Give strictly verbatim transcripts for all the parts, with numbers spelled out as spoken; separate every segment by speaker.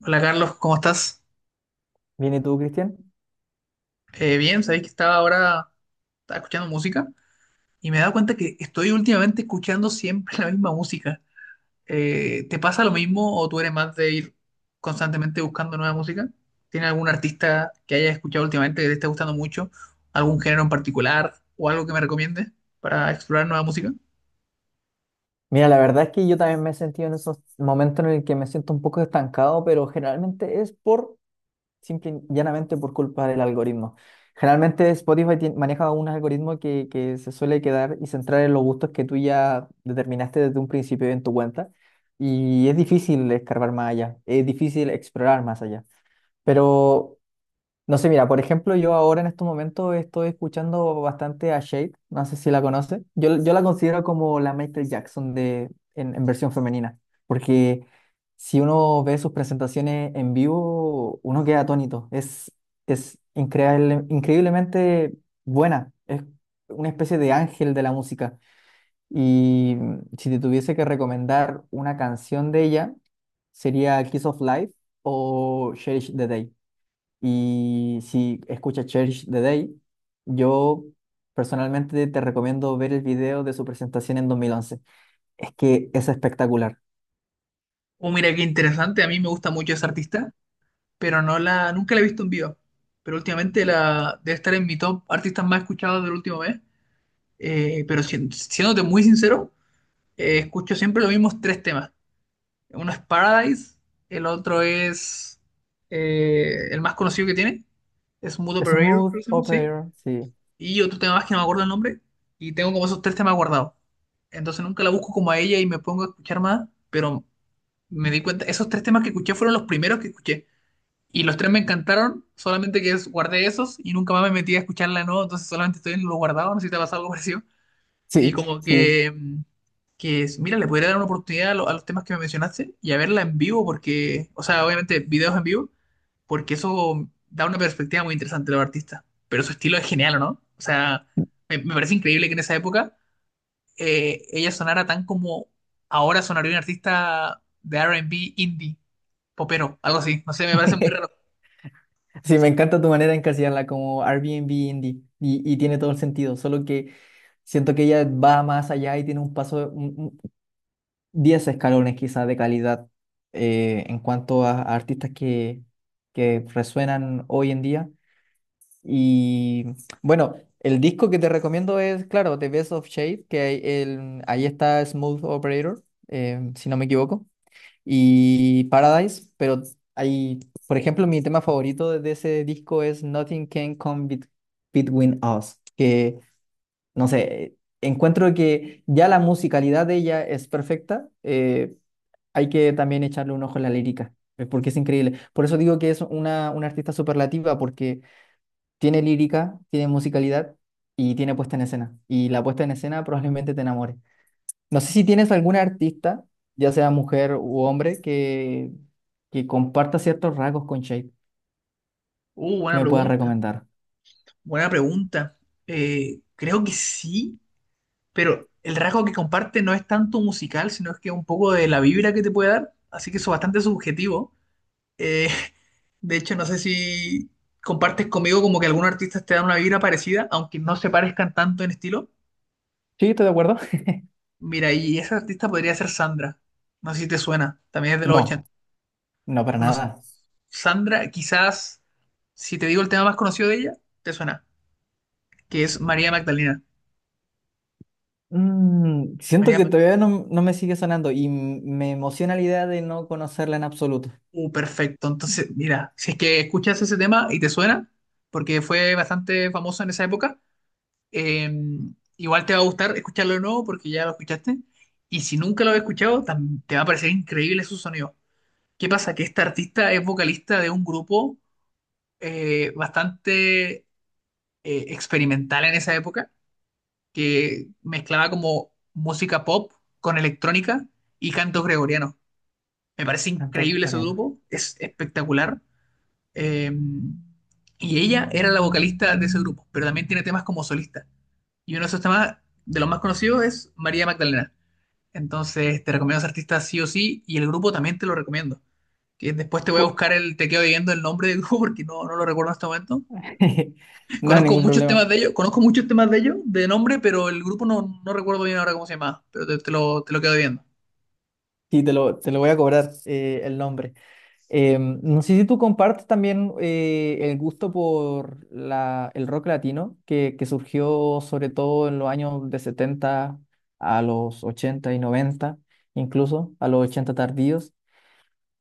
Speaker 1: Hola Carlos, ¿cómo estás?
Speaker 2: Bien, ¿y tú, Cristian?
Speaker 1: Eh, bien, sabéis que estaba ahora estaba escuchando música y me he dado cuenta que estoy últimamente escuchando siempre la misma música. Eh, ¿te pasa lo mismo o tú eres más de ir constantemente buscando nueva música? ¿Tienes algún artista que hayas escuchado últimamente que te esté gustando mucho? ¿Algún género en particular o algo que me recomiendes para explorar nueva música?
Speaker 2: Mira, la verdad es que yo también me he sentido en esos momentos en el que me siento un poco estancado, pero generalmente es por, simple y llanamente, por culpa del algoritmo. Generalmente Spotify tien- maneja un algoritmo que, que se suele quedar y centrar en los gustos que tú ya determinaste desde un principio en tu cuenta. Y es difícil escarbar más allá, es difícil explorar más allá. Pero no sé, mira, por ejemplo, yo ahora en estos momentos estoy escuchando bastante a Shade, no sé si la conoces. Yo, yo la considero como la Michael Jackson de, en, en versión femenina, porque si uno ve sus presentaciones en vivo, uno queda atónito. Es, es increíble, increíblemente buena, es una especie de ángel de la música. Y mm, si te tuviese que recomendar una canción de ella, sería Kiss of Life o Cherish the Day. Y si escuchas Cherish the Day, yo personalmente te recomiendo ver el video de su presentación en dos mil once. Es que es espectacular.
Speaker 1: Oh, mira qué interesante, a mí me gusta mucho ese artista, pero no la, nunca la he visto en vivo. Pero últimamente la, debe estar en mi top artistas más escuchados del último mes. Eh, pero si- siéndote muy sincero, eh, escucho siempre los mismos tres temas. Uno es Paradise, el otro es eh, el más conocido que tiene, es Mood Operator,
Speaker 2: Smooth
Speaker 1: creo que se llama, sí.
Speaker 2: Operator, sí.
Speaker 1: Y otro tema más que no me acuerdo el nombre. Y tengo como esos tres temas guardados. Entonces nunca la busco como a ella y me pongo a escuchar más, pero me di cuenta, esos tres temas que escuché fueron los primeros que escuché. Y los tres me encantaron, solamente que es- guardé esos y nunca más me metí a escucharla, ¿no? Entonces solamente estoy en lo guardado, no sé si te ha pasado algo parecido. Y
Speaker 2: Sí,
Speaker 1: como
Speaker 2: sí.
Speaker 1: que, mm, que mira, le podría dar una oportunidad a, lo- a los temas que me mencionaste y a verla en vivo, porque, o sea, obviamente videos en vivo, porque eso da una perspectiva muy interesante de los artistas. Pero su estilo es genial, ¿no? O sea, me, me parece increíble que en esa época eh, ella sonara tan como ahora sonaría un artista de R and B indie, popero, algo así. No sé, me parece muy raro.
Speaker 2: Sí, me encanta tu manera de encasillarla como Airbnb indie y, y tiene todo el sentido, solo que siento que ella va más allá y tiene un paso, un- un- diez escalones quizás de calidad eh, en cuanto a, a artistas que, que resuenan hoy en día. Y bueno, el disco que te recomiendo es, claro, The Best of Shade, que ahí el, ahí está Smooth Operator, eh, si no me equivoco, y Paradise, pero hay, por ejemplo, mi tema favorito de de ese disco es Nothing Can Come Bet- Between Us, que, no sé, encuentro que ya la musicalidad de ella es perfecta, eh, hay que también echarle un ojo a la lírica, eh, porque es increíble. Por eso digo que es una, una artista superlativa, porque tiene lírica, tiene musicalidad y tiene puesta en escena. Y la puesta en escena probablemente te enamore. No sé si tienes alguna artista, ya sea mujer u hombre, que, que comparta ciertos rasgos con Shape
Speaker 1: Uh,
Speaker 2: que
Speaker 1: buena
Speaker 2: me puedas
Speaker 1: pregunta,
Speaker 2: recomendar.
Speaker 1: buena pregunta. Eh, creo que sí. Pero el rasgo que comparte no es tanto musical, sino es que un poco de la vibra que te puede dar, así que eso es bastante subjetivo. Eh, de hecho, no sé si compartes conmigo como que algunos artistas te dan una vibra parecida, aunque no se parezcan tanto en estilo.
Speaker 2: ¿Sí? ¿Estás de acuerdo?
Speaker 1: Mira, y esa artista podría ser Sandra. No sé si te suena, también es de los
Speaker 2: No,
Speaker 1: ochenta.
Speaker 2: no para
Speaker 1: No sé.
Speaker 2: nada.
Speaker 1: Sandra, quizás, si te digo el tema más conocido de ella, te suena, que es María Magdalena.
Speaker 2: Mm, siento
Speaker 1: María
Speaker 2: que
Speaker 1: Magdalena.
Speaker 2: todavía no, no me sigue sonando y m- me emociona la idea de no conocerla en absoluto.
Speaker 1: Uh, perfecto. Entonces, mira, si es que escuchas ese tema y te suena, porque fue bastante famoso en esa época, eh, igual te va a gustar escucharlo de nuevo porque ya lo escuchaste. Y si nunca lo has escuchado, tam- te va a parecer increíble su sonido. ¿Qué pasa? Que esta artista es vocalista de un grupo eh, bastante eh, experimental en esa época, que mezclaba como música pop con electrónica y cantos gregorianos. Me parece
Speaker 2: Canto
Speaker 1: increíble ese
Speaker 2: gregoriano.
Speaker 1: grupo, es espectacular. Eh, y ella era la vocalista de ese grupo, pero también tiene temas como solista. Y uno de esos temas de los más conocidos es María Magdalena. Entonces te recomiendo a ese artista sí o sí y el grupo también te lo recomiendo. Que después te voy a
Speaker 2: Cu-
Speaker 1: buscar el, te quedo viendo el nombre del grupo porque no, no lo recuerdo en este momento.
Speaker 2: No hay
Speaker 1: Conozco
Speaker 2: ningún
Speaker 1: muchos
Speaker 2: problema.
Speaker 1: temas de ellos, conozco muchos temas de ellos de nombre, pero el grupo no, no recuerdo bien ahora cómo se llamaba, pero te, te lo, te lo quedo viendo.
Speaker 2: Sí, te lo, te lo voy a cobrar eh, el nombre. Eh, no sé si tú compartes también eh, el gusto por la, el rock latino, que, que surgió sobre todo en los años de setenta a los ochenta y noventa, incluso a los ochenta tardíos.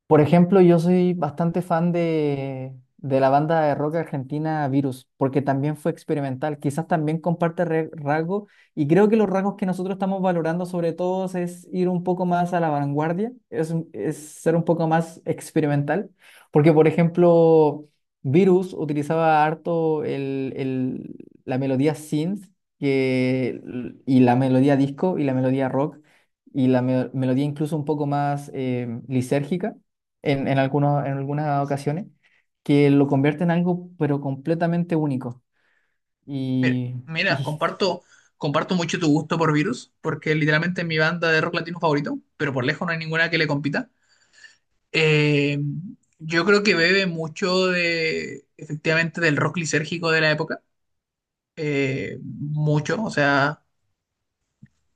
Speaker 2: Por ejemplo, yo soy bastante fan de, de la banda de rock argentina Virus, porque también fue experimental. Quizás también comparte re- rasgos, y creo que los rasgos que nosotros estamos valorando sobre todo es ir un poco más a la vanguardia, es, un- es ser un poco más experimental, porque por ejemplo, Virus utilizaba harto el, el- la melodía synth que, y la melodía disco y la melodía rock y la me- melodía incluso un poco más eh, lisérgica en, en, algunos, en algunas ocasiones, que lo convierte en algo pero completamente único.
Speaker 1: Mira,
Speaker 2: Y,
Speaker 1: mira,
Speaker 2: y
Speaker 1: comparto, comparto mucho tu gusto por Virus, porque literalmente es mi banda de rock latino favorito, pero por lejos no hay ninguna que le compita. Eh, yo creo que bebe mucho de, efectivamente, del rock lisérgico de la época, eh, mucho, o sea,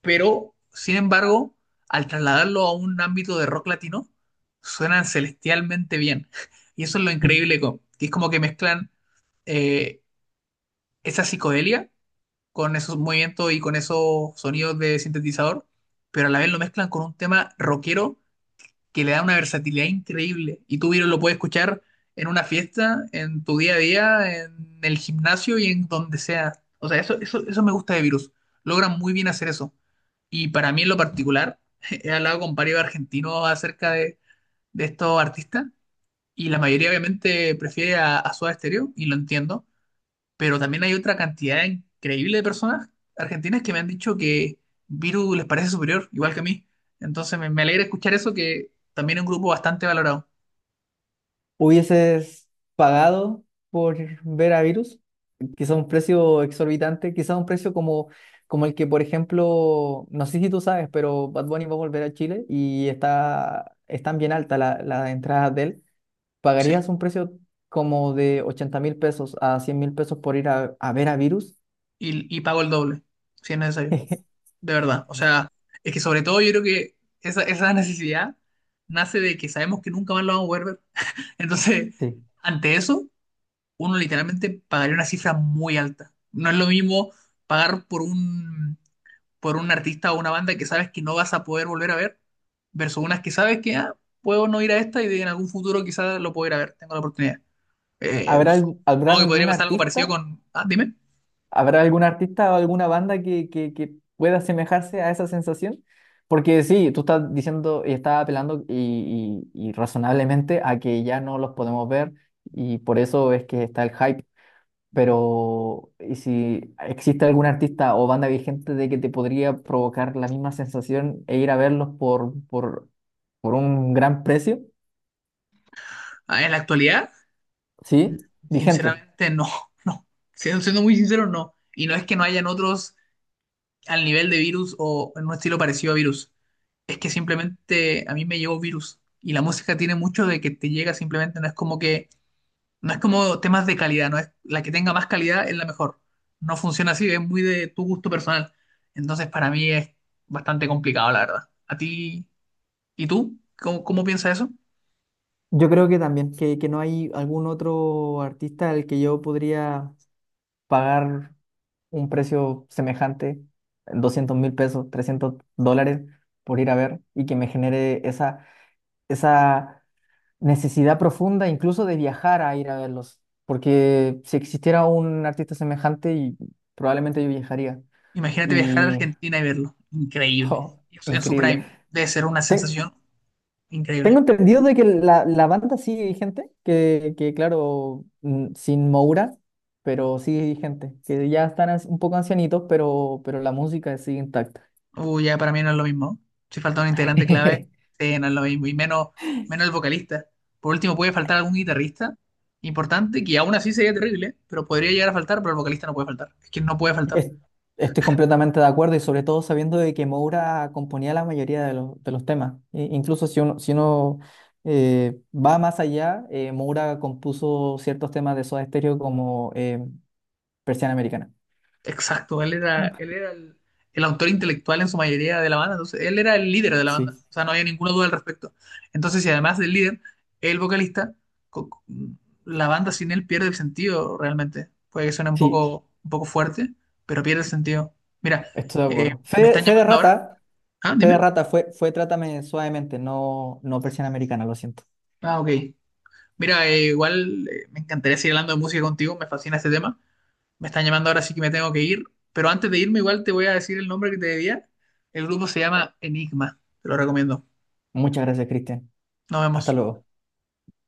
Speaker 1: pero sin embargo, al trasladarlo a un ámbito de rock latino, suenan celestialmente bien. Y eso es lo increíble, co- que es como que mezclan eh, esa psicodelia con esos movimientos y con esos sonidos de sintetizador, pero a la vez lo mezclan con un tema rockero que le da una versatilidad increíble. Y tú, Viro, lo puedes escuchar en una fiesta, en tu día a día, en el gimnasio y en donde sea. O sea, eso, eso, eso me gusta de Virus. Logran muy bien hacer eso. Y para mí en lo particular, he hablado con varios argentinos acerca de, de estos artistas y la mayoría obviamente prefiere a, a Soda Stereo y lo entiendo, pero también hay otra cantidad increíble de personas argentinas que me han dicho que Viru les parece superior, igual que a mí. Entonces me, me alegra escuchar eso, que también es un grupo bastante valorado.
Speaker 2: hubieses pagado por ver a Virus, quizá un precio exorbitante, quizá un precio como, como el que, por ejemplo, no sé si tú sabes, pero Bad Bunny va a volver a Chile y está, están bien altas la- las entradas de él.
Speaker 1: Sí.
Speaker 2: ¿Pagarías un precio como de ochenta mil pesos a cien mil pesos por ir a, a ver a Virus?
Speaker 1: Y, y pago el doble, si es necesario. De verdad. O sea, es que sobre todo yo creo que esa, esa necesidad nace de que sabemos que nunca más lo vamos a poder ver. Entonces,
Speaker 2: Sí.
Speaker 1: ante eso, uno literalmente pagaría una cifra muy alta. No es lo mismo pagar por un por un artista o una banda que sabes que no vas a poder volver a ver, versus unas que sabes que ah, puedo no ir a esta y de- en algún futuro quizás lo puedo ir a ver, tengo la oportunidad. Eh,
Speaker 2: ¿Habrá, algu-
Speaker 1: Supongo
Speaker 2: habrán
Speaker 1: que podría
Speaker 2: algún
Speaker 1: pasar algo
Speaker 2: artista?
Speaker 1: parecido con... Ah, dime.
Speaker 2: ¿Habrá algún artista o alguna banda que, que, que pueda asemejarse a esa sensación? Porque sí, tú estás diciendo y estás apelando y, y- y razonablemente a que ya no los podemos ver y por eso es que está el hype. Pero, ¿y si existe algún artista o banda vigente de que te podría provocar la misma sensación e ir a verlos por, por, por un gran precio?
Speaker 1: Ah, en la actualidad,
Speaker 2: ¿Sí? Vigente.
Speaker 1: sinceramente no, no. Siendo, siendo muy sincero, no. Y no es que no hayan otros al nivel de Virus o en un estilo parecido a Virus. Es que simplemente a mí me llegó Virus. Y la música tiene mucho de que te llega simplemente, no es como que no es como temas de calidad, no es la que tenga más calidad es la mejor. No funciona así, es muy de tu gusto personal. Entonces, para mí es bastante complicado, la verdad. ¿A ti y tú? ¿Cómo, cómo piensas eso?
Speaker 2: Yo creo que también, que, que no hay algún otro artista al que yo podría pagar un precio semejante, doscientos mil pesos, trescientos dólares por ir a ver y que me genere esa, esa necesidad profunda incluso de viajar a ir a verlos. Porque si existiera un artista semejante, y probablemente yo viajaría.
Speaker 1: Imagínate viajar a
Speaker 2: Y,
Speaker 1: Argentina y verlo. Increíble.
Speaker 2: oh,
Speaker 1: En su
Speaker 2: increíble.
Speaker 1: prime. Debe ser una
Speaker 2: Te-
Speaker 1: sensación
Speaker 2: Tengo
Speaker 1: increíble.
Speaker 2: entendido de que la, la banda sigue vigente, que, que claro, mm, sin Moura, pero sigue vigente, que ya están as- un poco ancianitos, pero, pero la música sigue intacta.
Speaker 1: Uy, ya para mí no es lo mismo. Si falta un integrante clave, sí, no es lo mismo. Y menos, menos el vocalista. Por último, puede faltar algún guitarrista importante, que aún así sería terrible, ¿eh? Pero podría llegar a faltar, pero el vocalista no puede faltar. Es que no puede faltar.
Speaker 2: Es- Estoy completamente de acuerdo y sobre todo sabiendo de que Moura componía la mayoría de los, de los temas. E- incluso si uno, si uno eh, va más allá, eh, Moura compuso ciertos temas de Soda Stereo como eh, Persiana Americana.
Speaker 1: Exacto, él era, él era el, el autor intelectual en su mayoría de la banda, entonces él era el líder de la banda,
Speaker 2: Sí,
Speaker 1: o sea, no había ninguna duda al respecto. Entonces, si además del líder, el vocalista, co- co- la banda sin él pierde el sentido realmente. Puede que suene un
Speaker 2: sí,
Speaker 1: poco, un poco fuerte, pero pierde el sentido. Mira,
Speaker 2: estoy de
Speaker 1: eh,
Speaker 2: acuerdo.
Speaker 1: me
Speaker 2: Fe,
Speaker 1: están
Speaker 2: Fe de
Speaker 1: llamando ahora.
Speaker 2: Rata.
Speaker 1: Ah,
Speaker 2: Fe de
Speaker 1: dime.
Speaker 2: rata fue, fue Trátame suavemente, no, no versión americana, lo siento.
Speaker 1: Ah, ok. Mira, eh, igual eh, me encantaría seguir hablando de música contigo, me fascina este tema. Me están llamando ahora, sí que me tengo que ir. Pero antes de irme, igual te voy a decir el nombre que te debía. El grupo se llama Enigma. Te lo recomiendo.
Speaker 2: Muchas gracias, Cristian.
Speaker 1: Nos
Speaker 2: Hasta
Speaker 1: vemos.
Speaker 2: luego.